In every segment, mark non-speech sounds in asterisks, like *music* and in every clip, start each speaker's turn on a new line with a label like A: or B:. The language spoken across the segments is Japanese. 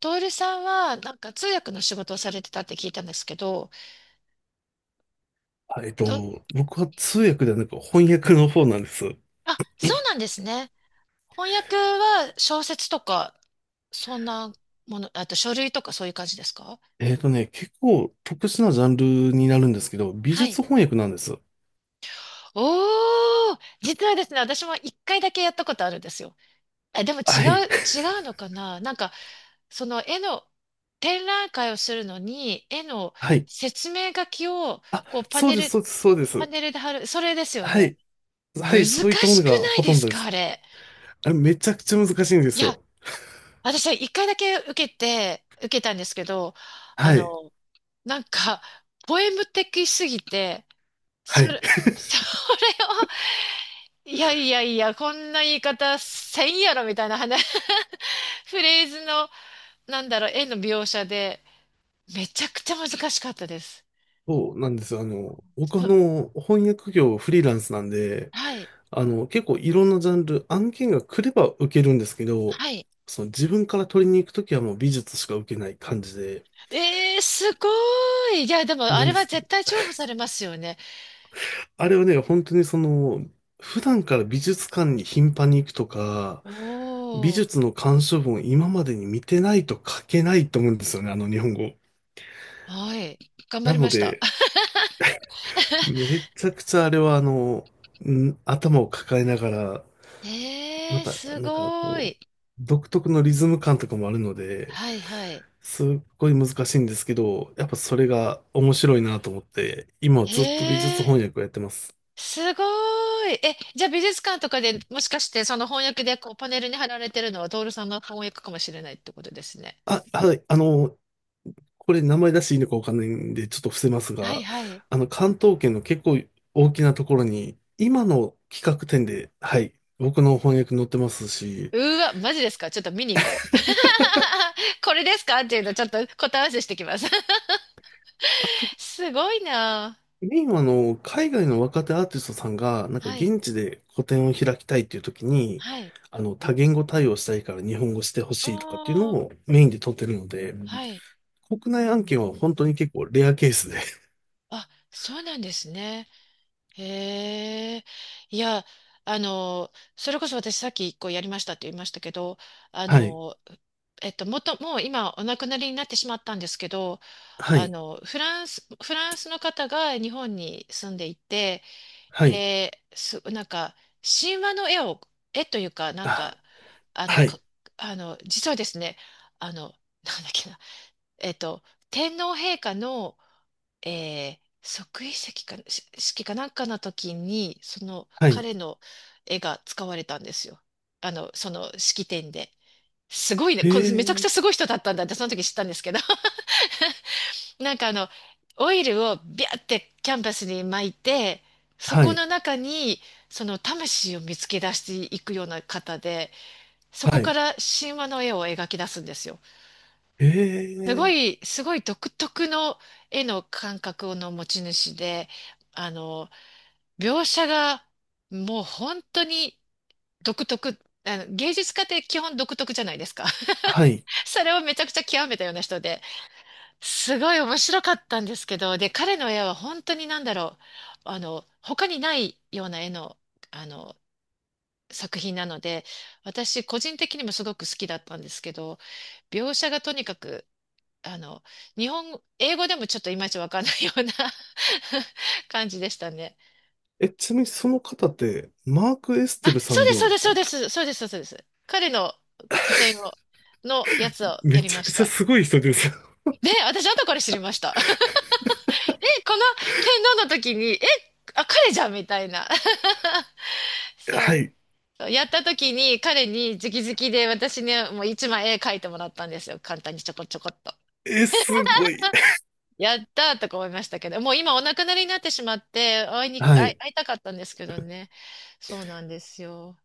A: トールさんは、通訳の仕事をされてたって聞いたんですけど、ど、
B: 僕は通訳ではなく翻訳の方なんです。*laughs*
A: あ、そうなんですね。翻訳は小説とか、そんなもの、あと書類とかそういう感じですか？
B: 結構特殊なジャンルになるんですけど、美
A: はい。
B: 術翻訳なんです。
A: おー、実はですね、私も一回だけやったことあるんですよ。え、でも違
B: は
A: う、
B: い。
A: 違うのかななんか、その絵の展覧会をするのに、絵の
B: *laughs* はい。
A: 説明書きを、
B: あ、
A: こうパ
B: そう
A: ネ
B: です、
A: ル、
B: そうです、そうで
A: パ
B: す。
A: ネルで貼る、それですよ
B: は
A: ね。
B: い。は
A: 難
B: い、
A: し
B: そういったもの
A: く
B: が
A: ない
B: ほ
A: で
B: とん
A: す
B: どで
A: かあ
B: す。
A: れ。
B: あれ、めちゃくちゃ難しいんで
A: い
B: す
A: や、
B: よ。
A: 私は一回だけ受けたんですけど、あ
B: はい。
A: の、なんか、ポエム的すぎて、
B: はい。
A: *laughs* それを、いやいやいや、こんな言い方せんやろみたいな話、*laughs* フレーズの、なんだろう、絵の描写で、めちゃくちゃ難しかったです。
B: そうなんですよ。僕
A: そ、
B: 翻訳業フリーランスなんで、
A: はい、
B: 結構いろんなジャンル、案件が来れば受けるんですけど、
A: はい。
B: その自分から取りに行くときはもう美術しか受けない感じで、
A: えー、すごい。いや、でも、あ
B: なん
A: れ
B: で
A: は
B: す。
A: 絶対重宝されますよね。
B: あれはね、本当にその、普段から美術館に頻繁に行くとか、美
A: おー、
B: 術の鑑賞文を今までに見てないと書けないと思うんですよね、あの日本語。
A: はい。頑張
B: な
A: り
B: の
A: ました。
B: で、めちゃくちゃあれはあの、頭を抱えながら、
A: え
B: ま
A: ー、
B: た、
A: す
B: なんか
A: ご
B: こう、
A: い。
B: 独特のリズム感とかもあるので、
A: はいはい。
B: すっごい難しいんですけど、やっぱそれが面白いなと思って、今は
A: へ
B: ずっと美術
A: え、
B: 翻訳をやってます。
A: すごい。え、じゃあ美術館とかでもしかしてその翻訳でこうパネルに貼られてるのはトールさんの翻訳かもしれないってことですね。
B: あ、はい、あの、これ名前出していいのかわかんないんで、ちょっと伏せます
A: はい
B: が、
A: はい。
B: あの、関東圏の結構大きなところに、今の企画展で、はい、僕の翻訳載ってますし、
A: うわ、マジですか、ちょっと見に行こう。*laughs* これですかっていうのちょっと答え合わせしてきます。
B: あと、
A: *laughs* すごいな。
B: メインはあの、海外の若手アーティストさんが、なんか
A: はい。
B: 現地で個展を開きたいっていう時に、
A: はい。
B: あの、多言語対応したいから日本語してほ
A: お
B: しいとかっていうの
A: ー。
B: をメインで撮ってるので、
A: はい。
B: 国内案件は本当に結構レアケースで、*laughs*
A: あ、そうなんですね。へえ、いや、あの、それこそ私さっき一個やりましたって言いましたけど、あ
B: はい、
A: の、もう今お亡くなりになってしまったんですけど、
B: はい、
A: フランスの方が日本に住んでいて、
B: はい、
A: で、す、なんか、神話の絵を、絵というか、なんか、
B: あ、
A: あの、
B: は
A: か、
B: い、
A: あの、実はですね、あの、なんだっけな、えっと、天皇陛下の即位式か、し式かなんかの時に、その
B: はい、
A: 彼の絵が使われたんですよ。あの、その式典で。すごいね、
B: へ
A: これめちゃくち
B: え、
A: ゃすごい人だったんだって、その時知ったんですけど、*laughs* なんかあの、オイルをビャーってキャンバスに巻いて、そ
B: は
A: こ
B: い、
A: の中に、その魂を見つけ出していくような方で、そ
B: は
A: こか
B: い。
A: ら神話の絵を描き出すんですよ。
B: ええ、
A: すごい独特の絵の感覚の持ち主で、あの、描写がもう本当に独特、あの、芸術家って基本独特じゃないですか。
B: は
A: *laughs*
B: い。
A: それをめちゃくちゃ極めたような人で、すごい面白かったんですけど、で、彼の絵は本当になんだろう、他にないような絵の、あの、作品なので、私個人的にもすごく好きだったんですけど、描写がとにかく、あの、英語でもちょっといまいちわかんないような *laughs* 感じでしたね。
B: え、ちなみにその方って、マーク・エス
A: あ、
B: テルさ
A: そう
B: ん
A: で
B: で
A: す、そう
B: は、
A: です、
B: あ
A: そう
B: れ、
A: です、そうです、そうです。彼の個展を、のやつをや
B: め
A: り
B: ち
A: ま
B: ゃく
A: し
B: ちゃ
A: た。
B: すごい人ですよ。
A: で、私後から知りました。*laughs* え、この天皇の時に、え、あ、彼じゃんみたいな。*laughs*
B: *laughs*
A: そ
B: は
A: う。
B: い。
A: やった時に彼に直々で私にもう一枚絵描いてもらったんですよ。簡単にちょこちょこっと。
B: え、すごい。
A: やったーとか思いましたけど、もう今お亡くなりになってしまって、会いに、
B: は
A: 会い、
B: い。
A: 会いたかったんですけどね。そうなんですよ。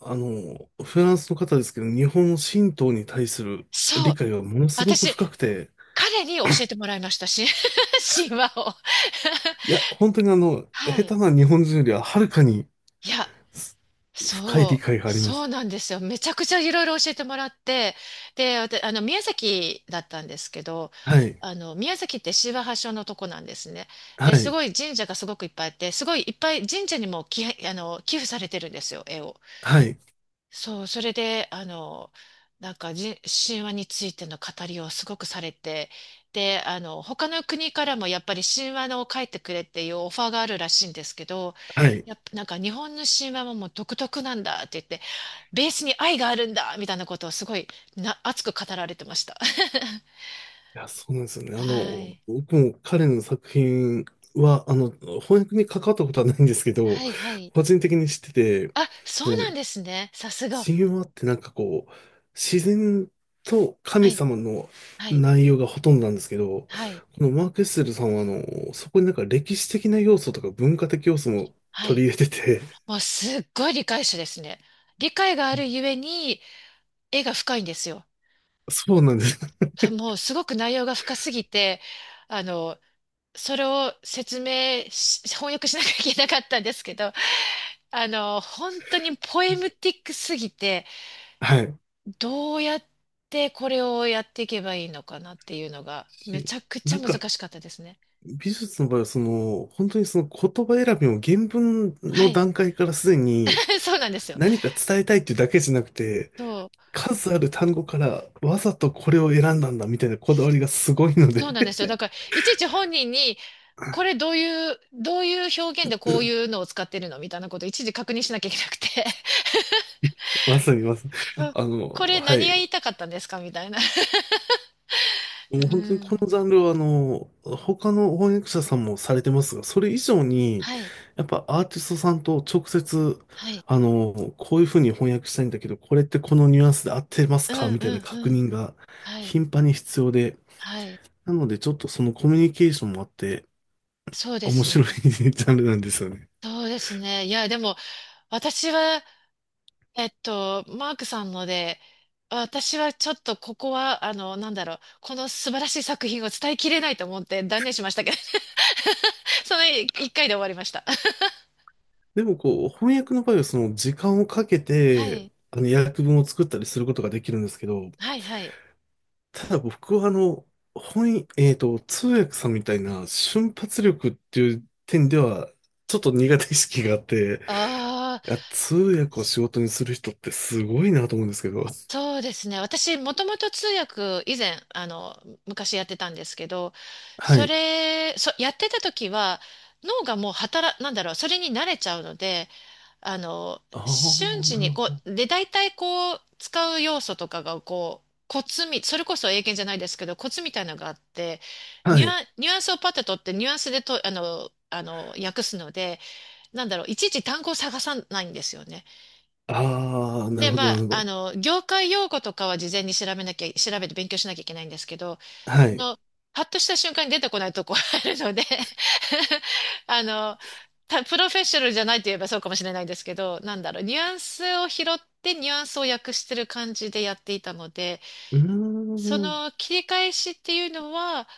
B: あの、フランスの方ですけど、日本の神道に対する
A: そ
B: 理
A: う。
B: 解はものすごく
A: 私、
B: 深くて、
A: 彼に教えてもらいましたし、*laughs* 神話を。
B: いや、本当にあの、
A: *laughs* は
B: 下
A: い。
B: 手な日本人よりははるかに
A: いや、
B: す深い理解がありま
A: そう
B: す。
A: なんですよ。めちゃくちゃいろいろ教えてもらって、で、わたあの、宮崎だったんですけど、
B: はい。
A: あの、宮崎って神話発祥のとこなんですね。
B: は
A: で、す
B: い。
A: ごい神社がすごくいっぱいあって、すごいいっぱい神社にも寄、あの、寄付されてるんですよ、絵を。
B: はい。
A: そう、それで、あの、なんかじ、神話についての語りをすごくされて、で、あの、他の国からもやっぱり神話のを書いてくれっていうオファーがあるらしいんですけど、
B: はい。
A: やっぱなんか日本の神話ももう独特なんだって言って、ベースに愛があるんだみたいなことをすごい熱く語られてました。*laughs*
B: いや、そうなんですよね。あ
A: は
B: の、
A: い。
B: 僕も彼の作品は、あの、翻訳に関わったことはないんですけど、
A: はいはい。
B: 個人的に知ってて、
A: あ、そう
B: その、
A: なんですね。さすが。
B: 神話ってなんかこう、自然と
A: は
B: 神
A: い。
B: 様の
A: はい。
B: 内容がほとんどなんですけど、
A: はい。
B: このマーク・エッセルさんは、あの、そこになんか歴史的な要素とか文化的要素も
A: は
B: 取
A: い。
B: り入れてて、
A: もうすっごい理解者ですね。理解があるゆえに、絵が深いんですよ。
B: *laughs* そうなんです。
A: もうすごく内容が深すぎて、あの、それを説明し、翻訳しなきゃいけなかったんですけど、あの、本当にポエムティックすぎて、
B: *laughs* はい。
A: どうやってこれをやっていけばいいのかなっていうのが、め
B: し
A: ちゃくち
B: な
A: ゃ
B: ん
A: 難
B: か、
A: しかったですね。
B: 美術の場合は、その、本当にその言葉選びも原文
A: は
B: の
A: い。
B: 段階からすでに、
A: *laughs* そうなんですよ。
B: 何か伝えたいっていうだけじゃなくて、
A: そう。
B: 数ある単語からわざとこれを選んだんだみたいなこだわりがすごいので。
A: そうなんですよ。だから、いちいち本人に、これ
B: *laughs*
A: どういう、どういう表現でこういうのを使ってるのみたいなことをいちいち確認しなきゃいけなくて。
B: まさにまさに。
A: うん、
B: あの、
A: これ
B: は
A: 何が言
B: い。
A: いたかったんですかみたいな。
B: も
A: *laughs*
B: う
A: う
B: 本当にこの
A: ん。
B: ジャンルはあの、他の翻訳者さんもされてますが、それ以上に、
A: はい。
B: やっぱアーティストさんと直接、
A: はい。
B: あの、こういうふうに翻訳したいんだけど、これってこのニュアンスで合ってます
A: う
B: か
A: ん
B: みたい
A: う
B: な
A: んう
B: 確
A: ん。
B: 認が
A: はい。
B: 頻繁に必要で、
A: はい。
B: なのでちょっとそのコミュニケーションもあって、
A: そうで
B: 面
A: す
B: 白い
A: ね。
B: *laughs* ジャンルなんですよね。
A: そうですね。いや、でも、私は、えっと、マークさんので、私はちょっとここは、この素晴らしい作品を伝えきれないと思って断念しましたけど、*laughs* その一回で終わりました。*laughs*
B: でもこう、翻訳の場合はその時間をかけ
A: は
B: て、
A: い。
B: あの、訳文を作ったりすることができるんですけど、
A: はいはい。
B: ただ僕はあの、えっと、通訳さんみたいな瞬発力っていう点では、ちょっと苦手意識があって、
A: ああ。
B: いや、通訳を仕事にする人ってすごいなと思うんですけど。
A: そうですね。もともと通訳、以前、あの、昔やってたんですけど、
B: は
A: そ
B: い。
A: れ、そ、やってた時は、脳がもう働、なんだろう、それに慣れちゃうので、
B: あ
A: 瞬
B: あ、
A: 時
B: なる
A: に、
B: ほ
A: こ
B: ど。
A: う、で、大体こう、使う要素とかが、こう、コツみ、それこそ英検じゃないですけど、コツみたいなのがあって、
B: はい。
A: ニュアンスをパッと取って、ニュアンスでと、あの、あの、訳すので、なんだろう、いちいち単語を探さないんですよね。
B: ああ、な
A: で、
B: るほ
A: ま
B: ど、な
A: あ、
B: るほ
A: あ
B: ど。
A: の、業界用語とかは事前に調べなきゃ、調べて勉強しなきゃいけないんですけど、
B: は
A: そ
B: い。
A: の、パッとした瞬間に出てこないとこあるので *laughs* あの、プロフェッショナルじゃないと言えばそうかもしれないんですけど、なんだろう、ニュアンスを拾ってニュアンスを訳してる感じでやっていたので、
B: うー
A: そ
B: ん。
A: の切り返しっていうのは、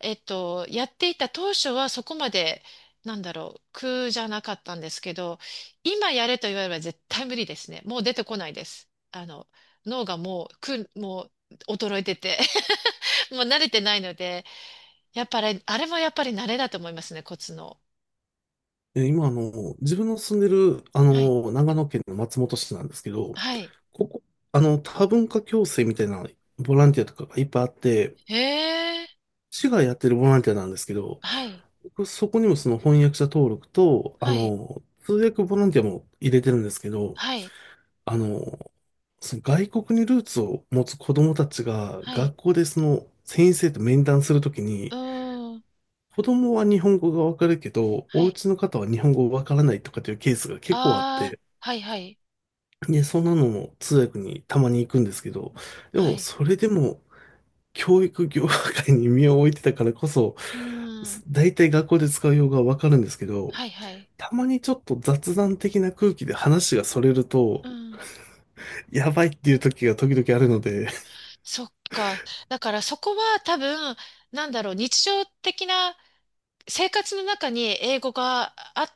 A: えっと、やっていた当初はそこまで、なんだろう、苦じゃなかったんですけど、今やれと言われれば絶対無理ですね。もう出てこないです。あの、脳がもう、もう衰えてて *laughs* もう慣れてないので、やっぱり、あれもやっぱり慣れだと思いますね、コツの。
B: え、今、あの、自分の住んでる、あ
A: はい。
B: の、長野県の松本市なんですけど、
A: はい。
B: ここ、あの、多文化共生みたいなボランティアとかがいっぱいあって、
A: へえ。
B: 市がやってるボランティアなんですけど、
A: はい。
B: 僕そこにもその翻訳者登録と、あ
A: はい。
B: の、通訳ボランティアも入れてるんですけど、
A: はい。
B: あの、その外国にルーツを持つ子供たちが
A: はい。
B: 学校でその先生と面談するとき
A: う
B: に、
A: ーん。
B: 子供は日本語がわかるけど、
A: は
B: お
A: い。
B: 家の方は日本語わからないとかっていうケースが結構あっ
A: ああ。
B: て、
A: はい。はい。
B: で、そんなのも通訳にたまに行くんですけど、で
A: は
B: も
A: い。
B: それでも、教育業界に身を置いてたからこそ、
A: うーん。
B: 大体学校で使う用語はわかるんですけど、
A: はいはい。
B: たまにちょっと雑談的な空気で話がそれると、
A: うん。
B: やばいっていう時が時々あるので、
A: そっか。だからそこは多分、なんだろう、日常的な生活の中に英語があっ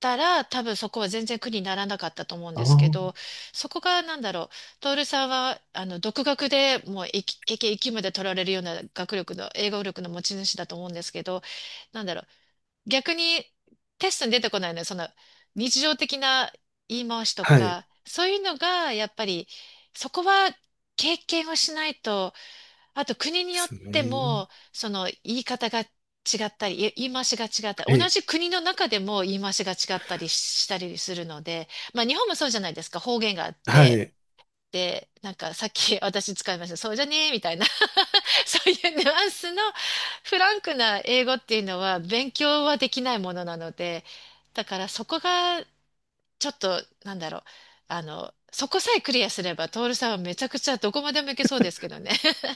A: たら、多分そこは全然苦にならなかったと思うん
B: あ
A: ですけ
B: あ、
A: ど、そこがなんだろう、徹さんは、あの、独学でもう、いきまで取られるような学力の、英語力の持ち主だと思うんですけど、なんだろう、逆にテストに出てこないのは、その日常的な言い回しと
B: はい。で
A: か、そういうのがやっぱりそこは経験をしないと、あと国によっ
B: す
A: て
B: ね。
A: もその言い方が違ったり、言い回しが違った
B: は
A: り、同
B: い。
A: じ国の中でも言い回しが違ったりしたりするので、まあ日本もそうじゃないですか、方言があっ
B: は
A: て。
B: い。
A: で、なんかさっき *laughs* 私使いました。そうじゃねえみたいな *laughs* そういうニュアンスのフランクな英語っていうのは勉強はできないものなので、だからそこがちょっと、なんだろう、あの、そこさえクリアすれば、トールさんはめちゃくちゃどこまでもいけそうですけどね。*laughs*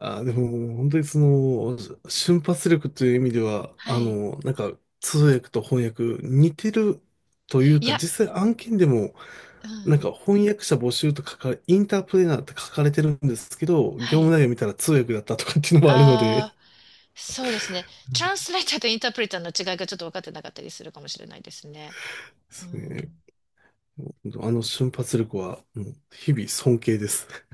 B: あ、でも、本当にその、瞬発力という意味では、
A: は
B: あ
A: い。
B: の、なんか、通訳と翻訳似てるという
A: い
B: か、
A: や、
B: 実際案件でも
A: う
B: なん
A: ん。
B: か翻訳者募集と書かれ、インタープレーナーって書かれてるんですけど、
A: は
B: 業務
A: い。
B: 内容見たら通訳だったとかっていうのもあるので、で
A: ああ、そうですね。トランスレーターとインタープリターの違いがちょっと分かってなかったりするかもしれないですね。う
B: すね。
A: ん。
B: あの瞬発力は、うん、日々尊敬です。